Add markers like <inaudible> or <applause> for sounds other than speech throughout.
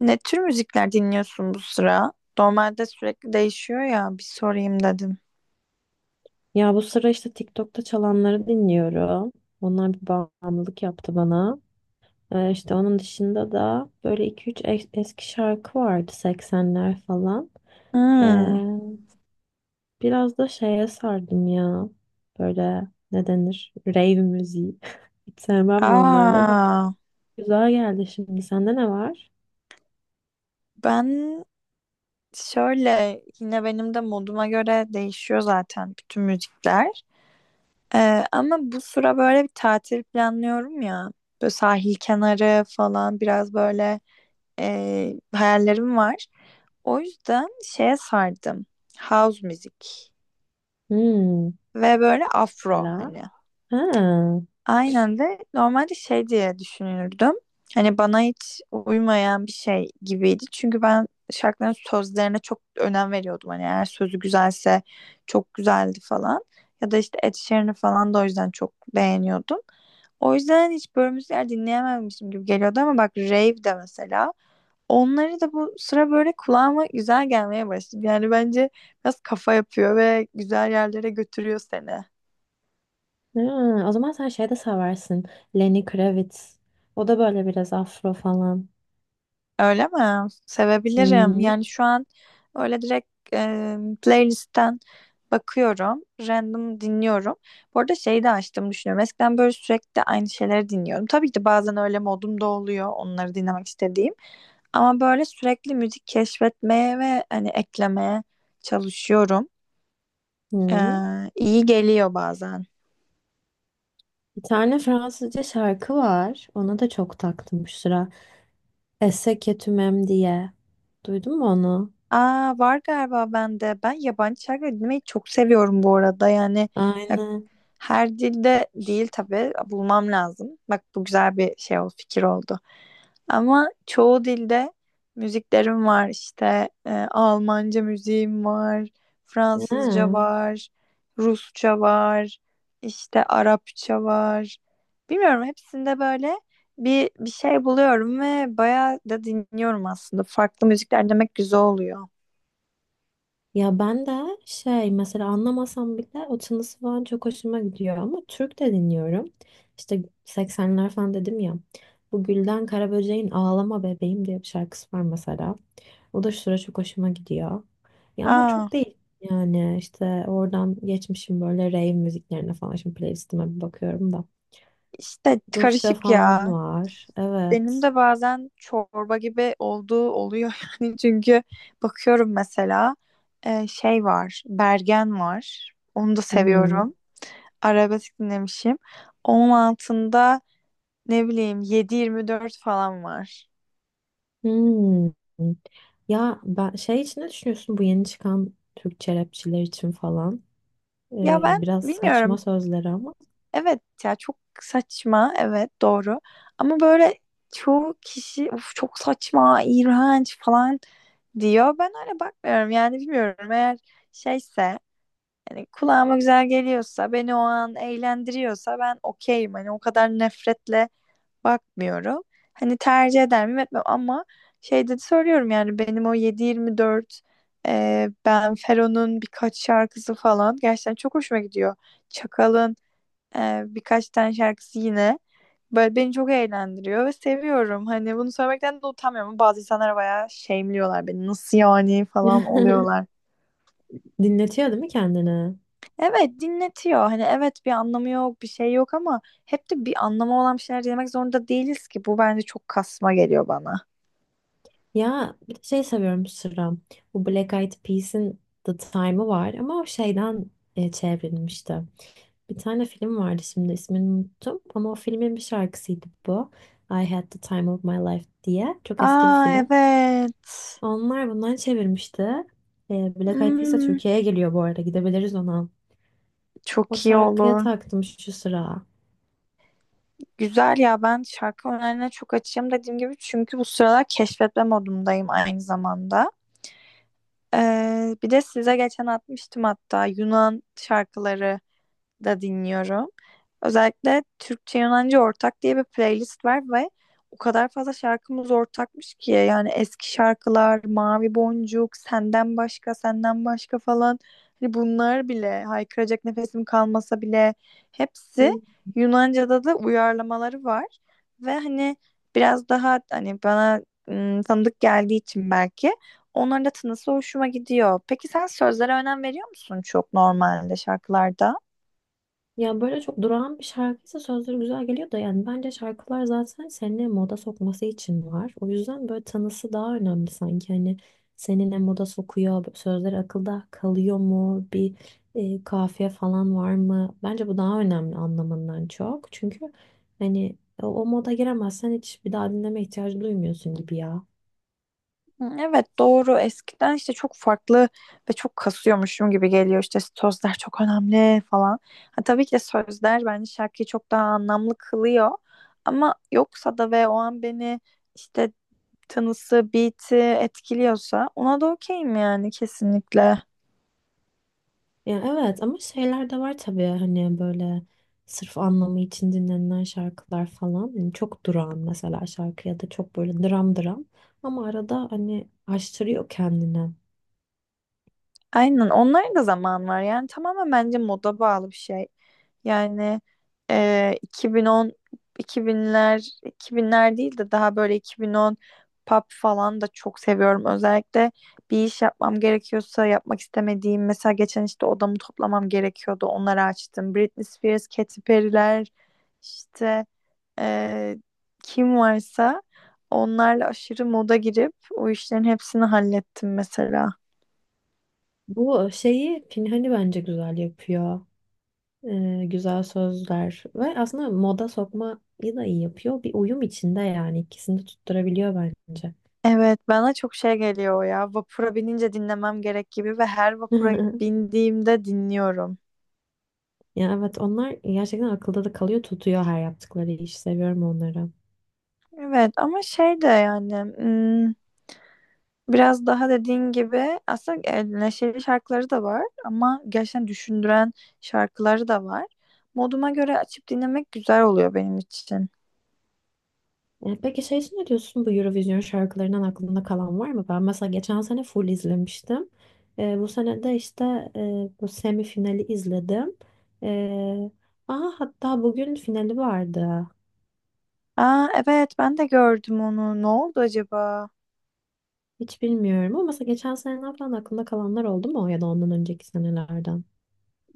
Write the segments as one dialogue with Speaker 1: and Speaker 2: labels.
Speaker 1: Ne tür müzikler dinliyorsun bu sıra? Normalde sürekli değişiyor ya, bir sorayım dedim.
Speaker 2: Ya bu sıra işte TikTok'ta çalanları dinliyorum. Onlar bir bağımlılık yaptı bana. İşte onun dışında da böyle iki üç eski şarkı vardı 80'ler falan. Ee,
Speaker 1: Hmm.
Speaker 2: Biraz da şeye sardım ya. Böyle ne denir? Rave müziği. <laughs> Hiç sevmem normalde de.
Speaker 1: Aa,
Speaker 2: Güzel geldi şimdi. Sende ne var?
Speaker 1: ben şöyle, yine benim de moduma göre değişiyor zaten bütün müzikler. Ama bu sıra böyle bir tatil planlıyorum ya. Böyle sahil kenarı falan, biraz böyle hayallerim var. O yüzden şeye sardım. House müzik
Speaker 2: Hmm,
Speaker 1: ve böyle afro
Speaker 2: mesela.
Speaker 1: hani.
Speaker 2: Ha,
Speaker 1: Aynen, de normalde şey diye düşünürdüm. Hani bana hiç uymayan bir şey gibiydi. Çünkü ben şarkıların sözlerine çok önem veriyordum. Hani eğer sözü güzelse çok güzeldi falan. Ya da işte Ed Sheeran'ı falan da o yüzden çok beğeniyordum. O yüzden hani hiç böyle müzikler dinleyememişim gibi geliyordu, ama bak rave de mesela. Onları da bu sıra böyle kulağıma güzel gelmeye başladı. Yani bence biraz kafa yapıyor ve güzel yerlere götürüyor seni.
Speaker 2: ha, O zaman sen şey de seversin. Lenny Kravitz. O da böyle biraz afro falan.
Speaker 1: Öyle mi? Sevebilirim.
Speaker 2: Hmm.
Speaker 1: Yani şu an öyle direkt playlistten bakıyorum. Random dinliyorum. Bu arada şeyi de açtım, düşünüyorum. Eskiden böyle sürekli aynı şeyleri dinliyorum. Tabii ki de bazen öyle modum da oluyor, onları dinlemek istediğim. Ama böyle sürekli müzik keşfetmeye ve hani eklemeye çalışıyorum.
Speaker 2: Hmm.
Speaker 1: Ee, iyi geliyor bazen.
Speaker 2: Bir tane Fransızca şarkı var. Ona da çok taktım şu sıra. Esse que tu m'aimes diye. Duydun mu onu?
Speaker 1: Aa, var galiba bende. Ben yabancı şarkı dinlemeyi çok seviyorum bu arada. Yani
Speaker 2: Aynen.
Speaker 1: her dilde değil tabii. Bulmam lazım. Bak bu güzel bir şey oldu, fikir oldu. Ama çoğu dilde müziklerim var, işte Almanca müziğim var, Fransızca
Speaker 2: Ha.
Speaker 1: var, Rusça var, işte Arapça var. Bilmiyorum, hepsinde böyle bir şey buluyorum ve bayağı da dinliyorum aslında. Farklı müzikler demek güzel oluyor.
Speaker 2: Ya ben de şey mesela anlamasam bile o tınısı falan çok hoşuma gidiyor ama Türk de dinliyorum. İşte 80'ler falan dedim ya. Bu Gülden Karaböcek'in Ağlama Bebeğim diye bir şarkısı var mesela. O da şu sıra çok hoşuma gidiyor. Ya ama
Speaker 1: Aa,
Speaker 2: çok değil yani işte oradan geçmişim böyle rave müziklerine falan. Şimdi playlistime bir bakıyorum da.
Speaker 1: işte
Speaker 2: Rusça
Speaker 1: karışık
Speaker 2: falan
Speaker 1: ya.
Speaker 2: var.
Speaker 1: Benim
Speaker 2: Evet.
Speaker 1: de bazen çorba gibi olduğu oluyor <laughs> yani, çünkü bakıyorum mesela şey var, Bergen var, onu da
Speaker 2: Hmm.
Speaker 1: seviyorum, arabesk dinlemişim, onun altında ne bileyim 7-24 falan var.
Speaker 2: Hmm. Ya ben şey için ne düşünüyorsun bu yeni çıkan Türkçe rapçiler için falan?
Speaker 1: Ya ben
Speaker 2: Biraz saçma
Speaker 1: bilmiyorum,
Speaker 2: sözleri ama.
Speaker 1: evet ya çok saçma, evet doğru, ama böyle çoğu kişi "Uf, çok saçma, iğrenç" falan diyor. Ben öyle bakmıyorum yani. Bilmiyorum, eğer şeyse, yani kulağıma güzel geliyorsa, beni o an eğlendiriyorsa ben okeyim. Hani o kadar nefretle bakmıyorum. Hani tercih eder miyim, etmem, ama şey de söylüyorum yani. Benim o 7-24, Ben Fero'nun birkaç şarkısı falan gerçekten çok hoşuma gidiyor. Çakal'ın birkaç tane şarkısı, yine böyle beni çok eğlendiriyor ve seviyorum. Hani bunu söylemekten de utanmıyorum. Bazı insanlar bayağı şeyimliyorlar beni. Nasıl yani falan oluyorlar.
Speaker 2: <laughs> Dinletiyor değil mi kendini?
Speaker 1: Evet, dinletiyor. Hani evet, bir anlamı yok, bir şey yok, ama hep de bir anlamı olan bir şeyler dinlemek zorunda değiliz ki. Bu bence çok kasma geliyor bana.
Speaker 2: Ya bir de şey seviyorum Sıra. Bu Black Eyed Peas'in The Time'ı var ama o şeyden çevrilmişti. Bir tane film vardı şimdi ismini unuttum ama o filmin bir şarkısıydı bu. I Had The Time Of My Life diye. Çok eski bir
Speaker 1: Aa,
Speaker 2: film.
Speaker 1: evet.
Speaker 2: Onlar bundan çevirmişti. Black Eyed Peas de
Speaker 1: Hmm,
Speaker 2: Türkiye'ye geliyor bu arada. Gidebiliriz ona. O
Speaker 1: çok iyi
Speaker 2: şarkıya
Speaker 1: olur.
Speaker 2: taktım şu sıra.
Speaker 1: Güzel ya, ben şarkı önerilerine çok açığım, dediğim gibi, çünkü bu sıralar keşfetme modundayım aynı zamanda. Bir de size geçen atmıştım hatta, Yunan şarkıları da dinliyorum. Özellikle Türkçe Yunanca Ortak diye bir playlist var ve o kadar fazla şarkımız ortakmış ki. Yani eski şarkılar, Mavi Boncuk, Senden Başka, Senden Başka falan, hani bunlar bile, haykıracak nefesim kalmasa bile, hepsi
Speaker 2: Hı.
Speaker 1: Yunanca'da da uyarlamaları var ve hani biraz daha hani bana tanıdık geldiği için belki onların da tınısı hoşuma gidiyor. Peki sen sözlere önem veriyor musun çok normalde, şarkılarda?
Speaker 2: Ya böyle çok durağan bir şarkıysa sözleri güzel geliyor da yani bence şarkılar zaten seni moda sokması için var. O yüzden böyle tanısı daha önemli sanki. Hani seni ne moda sokuyor, sözleri akılda kalıyor mu, bir kafiye falan var mı? Bence bu daha önemli anlamından çok. Çünkü hani o moda giremezsen hiç bir daha dinleme ihtiyacı duymuyorsun gibi ya.
Speaker 1: Hı, evet, doğru. Eskiden işte çok farklı ve çok kasıyormuşum gibi geliyor, işte sözler çok önemli falan. Ha, tabii ki de sözler bence şarkıyı çok daha anlamlı kılıyor, ama yoksa da, ve o an beni işte tanısı, beat'i etkiliyorsa ona da okeyim yani, kesinlikle.
Speaker 2: Ya evet ama şeyler de var tabii hani böyle sırf anlamı için dinlenilen şarkılar falan. Yani çok durağan mesela şarkı ya da çok böyle dram dram ama arada hani aştırıyor kendini.
Speaker 1: Aynen, onların da zaman var yani. Tamamen bence moda bağlı bir şey. Yani 2010, 2000'ler değil de daha böyle 2010 pop falan da çok seviyorum. Özellikle bir iş yapmam gerekiyorsa, yapmak istemediğim, mesela geçen işte odamı toplamam gerekiyordu, onları açtım. Britney Spears, Katy Perry'ler, işte e, kim varsa, onlarla aşırı moda girip o işlerin hepsini hallettim mesela.
Speaker 2: Bu şeyi Pinhani bence güzel yapıyor. Güzel sözler ve aslında moda sokmayı da iyi yapıyor. Bir uyum içinde yani ikisini de tutturabiliyor bence.
Speaker 1: Evet, bana çok şey geliyor o ya. Vapura binince dinlemem gerek gibi, ve her vapura
Speaker 2: <laughs>
Speaker 1: bindiğimde dinliyorum.
Speaker 2: Ya evet onlar gerçekten akılda da kalıyor tutuyor her yaptıkları iş. Seviyorum onları.
Speaker 1: Evet, ama şey de yani, biraz daha dediğin gibi aslında neşeli şarkıları da var, ama gerçekten düşündüren şarkıları da var. Moduma göre açıp dinlemek güzel oluyor benim için.
Speaker 2: E, peki şey için ne diyorsun bu Eurovision şarkılarından aklında kalan var mı? Ben mesela geçen sene full izlemiştim. Bu sene de işte bu semifinali izledim. E, aha hatta bugün finali vardı.
Speaker 1: Aa, evet, ben de gördüm onu. Ne oldu acaba?
Speaker 2: Hiç bilmiyorum ama mesela geçen seneden falan aklında kalanlar oldu mu ya da ondan önceki senelerden?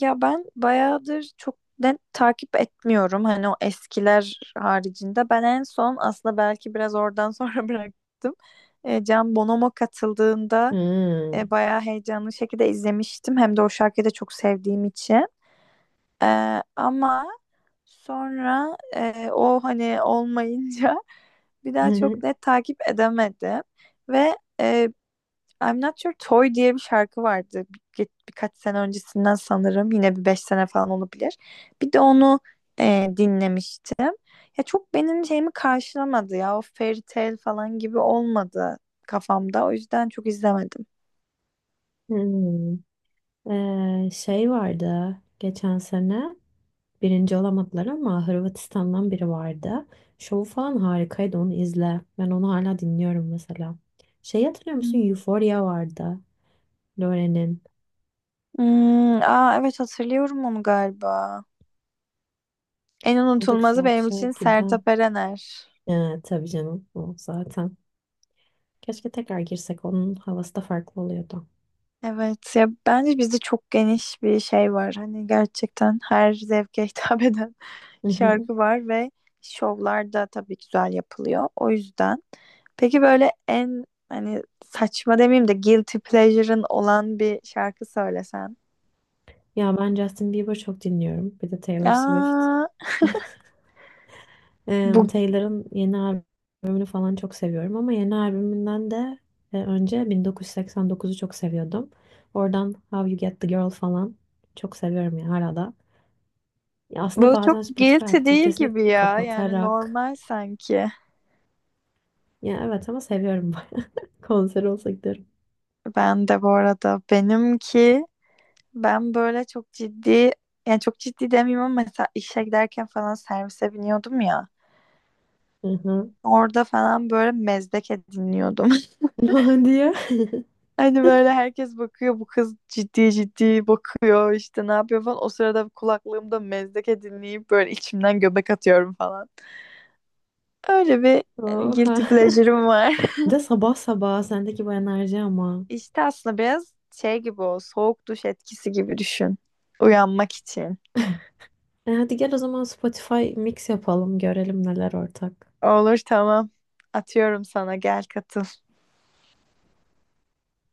Speaker 1: Ya ben bayağıdır çok net takip etmiyorum. Hani o eskiler haricinde. Ben en son aslında belki biraz oradan sonra <laughs> bıraktım. Can Bonomo katıldığında
Speaker 2: Hmm.
Speaker 1: bayağı heyecanlı şekilde izlemiştim. Hem de o şarkıyı da çok sevdiğim için. Ama sonra o hani olmayınca <laughs> bir daha çok
Speaker 2: <laughs>
Speaker 1: net takip edemedim. Ve I'm Not Your Toy diye bir şarkı vardı. Birkaç sene öncesinden sanırım. Yine bir 5 sene falan olabilir. Bir de onu dinlemiştim. Ya çok benim şeyimi karşılamadı ya. O fairy tale falan gibi olmadı kafamda. O yüzden çok izlemedim.
Speaker 2: Hmm. Şey vardı geçen sene. Birinci olamadılar ama Hırvatistan'dan biri vardı. Şovu falan harikaydı onu izle. Ben onu hala dinliyorum mesela. Şey hatırlıyor musun?
Speaker 1: Hmm.
Speaker 2: Euphoria vardı. Lore'nin.
Speaker 1: Hmm, aa evet, hatırlıyorum onu galiba. En
Speaker 2: O da
Speaker 1: unutulmazı
Speaker 2: güzel bir
Speaker 1: benim için
Speaker 2: şarkıydı.
Speaker 1: Sertab Erener.
Speaker 2: Tabii canım o zaten. Keşke tekrar girsek onun havası da farklı oluyordu.
Speaker 1: Evet ya, bence bizde çok geniş bir şey var. Hani gerçekten her zevke hitap <laughs> eden şarkı
Speaker 2: <laughs>
Speaker 1: var ve şovlar da tabii güzel yapılıyor. O yüzden. Peki böyle en, hani saçma demeyeyim de, guilty pleasure'ın olan bir şarkı söylesen.
Speaker 2: Ya ben Justin Bieber çok dinliyorum. Bir de Taylor Swift.
Speaker 1: Aa,
Speaker 2: <laughs> Em,
Speaker 1: bu
Speaker 2: Taylor'ın yeni albümünü falan çok seviyorum ama yeni albümünden de önce 1989'u çok seviyordum. Oradan How You Get the Girl falan çok seviyorum ya hala da. Ya aslında
Speaker 1: bu çok
Speaker 2: bazen Spotify
Speaker 1: guilty değil
Speaker 2: aktivitesini
Speaker 1: gibi ya. Yani
Speaker 2: kapatarak
Speaker 1: normal sanki.
Speaker 2: ya evet ama seviyorum <laughs> konser olsa giderim.
Speaker 1: Ben de bu arada, benimki, ben böyle çok ciddi, yani çok ciddi demeyeyim, ama mesela işe giderken falan servise biniyordum ya.
Speaker 2: Hı hı.
Speaker 1: Orada falan böyle Mezdeke dinliyordum.
Speaker 2: <laughs> Ne diyor?
Speaker 1: Hani böyle herkes bakıyor, bu kız ciddi ciddi bakıyor işte, ne yapıyor falan. O sırada kulaklığımda Mezdeke dinleyip böyle içimden göbek atıyorum falan. Öyle bir
Speaker 2: <laughs>
Speaker 1: yani
Speaker 2: Oha.
Speaker 1: guilty pleasure'ım var. <laughs>
Speaker 2: <laughs> Bir De sabah sabah sendeki bu enerji ama.
Speaker 1: İşte aslında biraz şey gibi, o soğuk duş etkisi gibi düşün. Uyanmak için.
Speaker 2: E hadi gel o zaman Spotify mix yapalım görelim neler ortak.
Speaker 1: Olur, tamam. Atıyorum sana, gel katıl.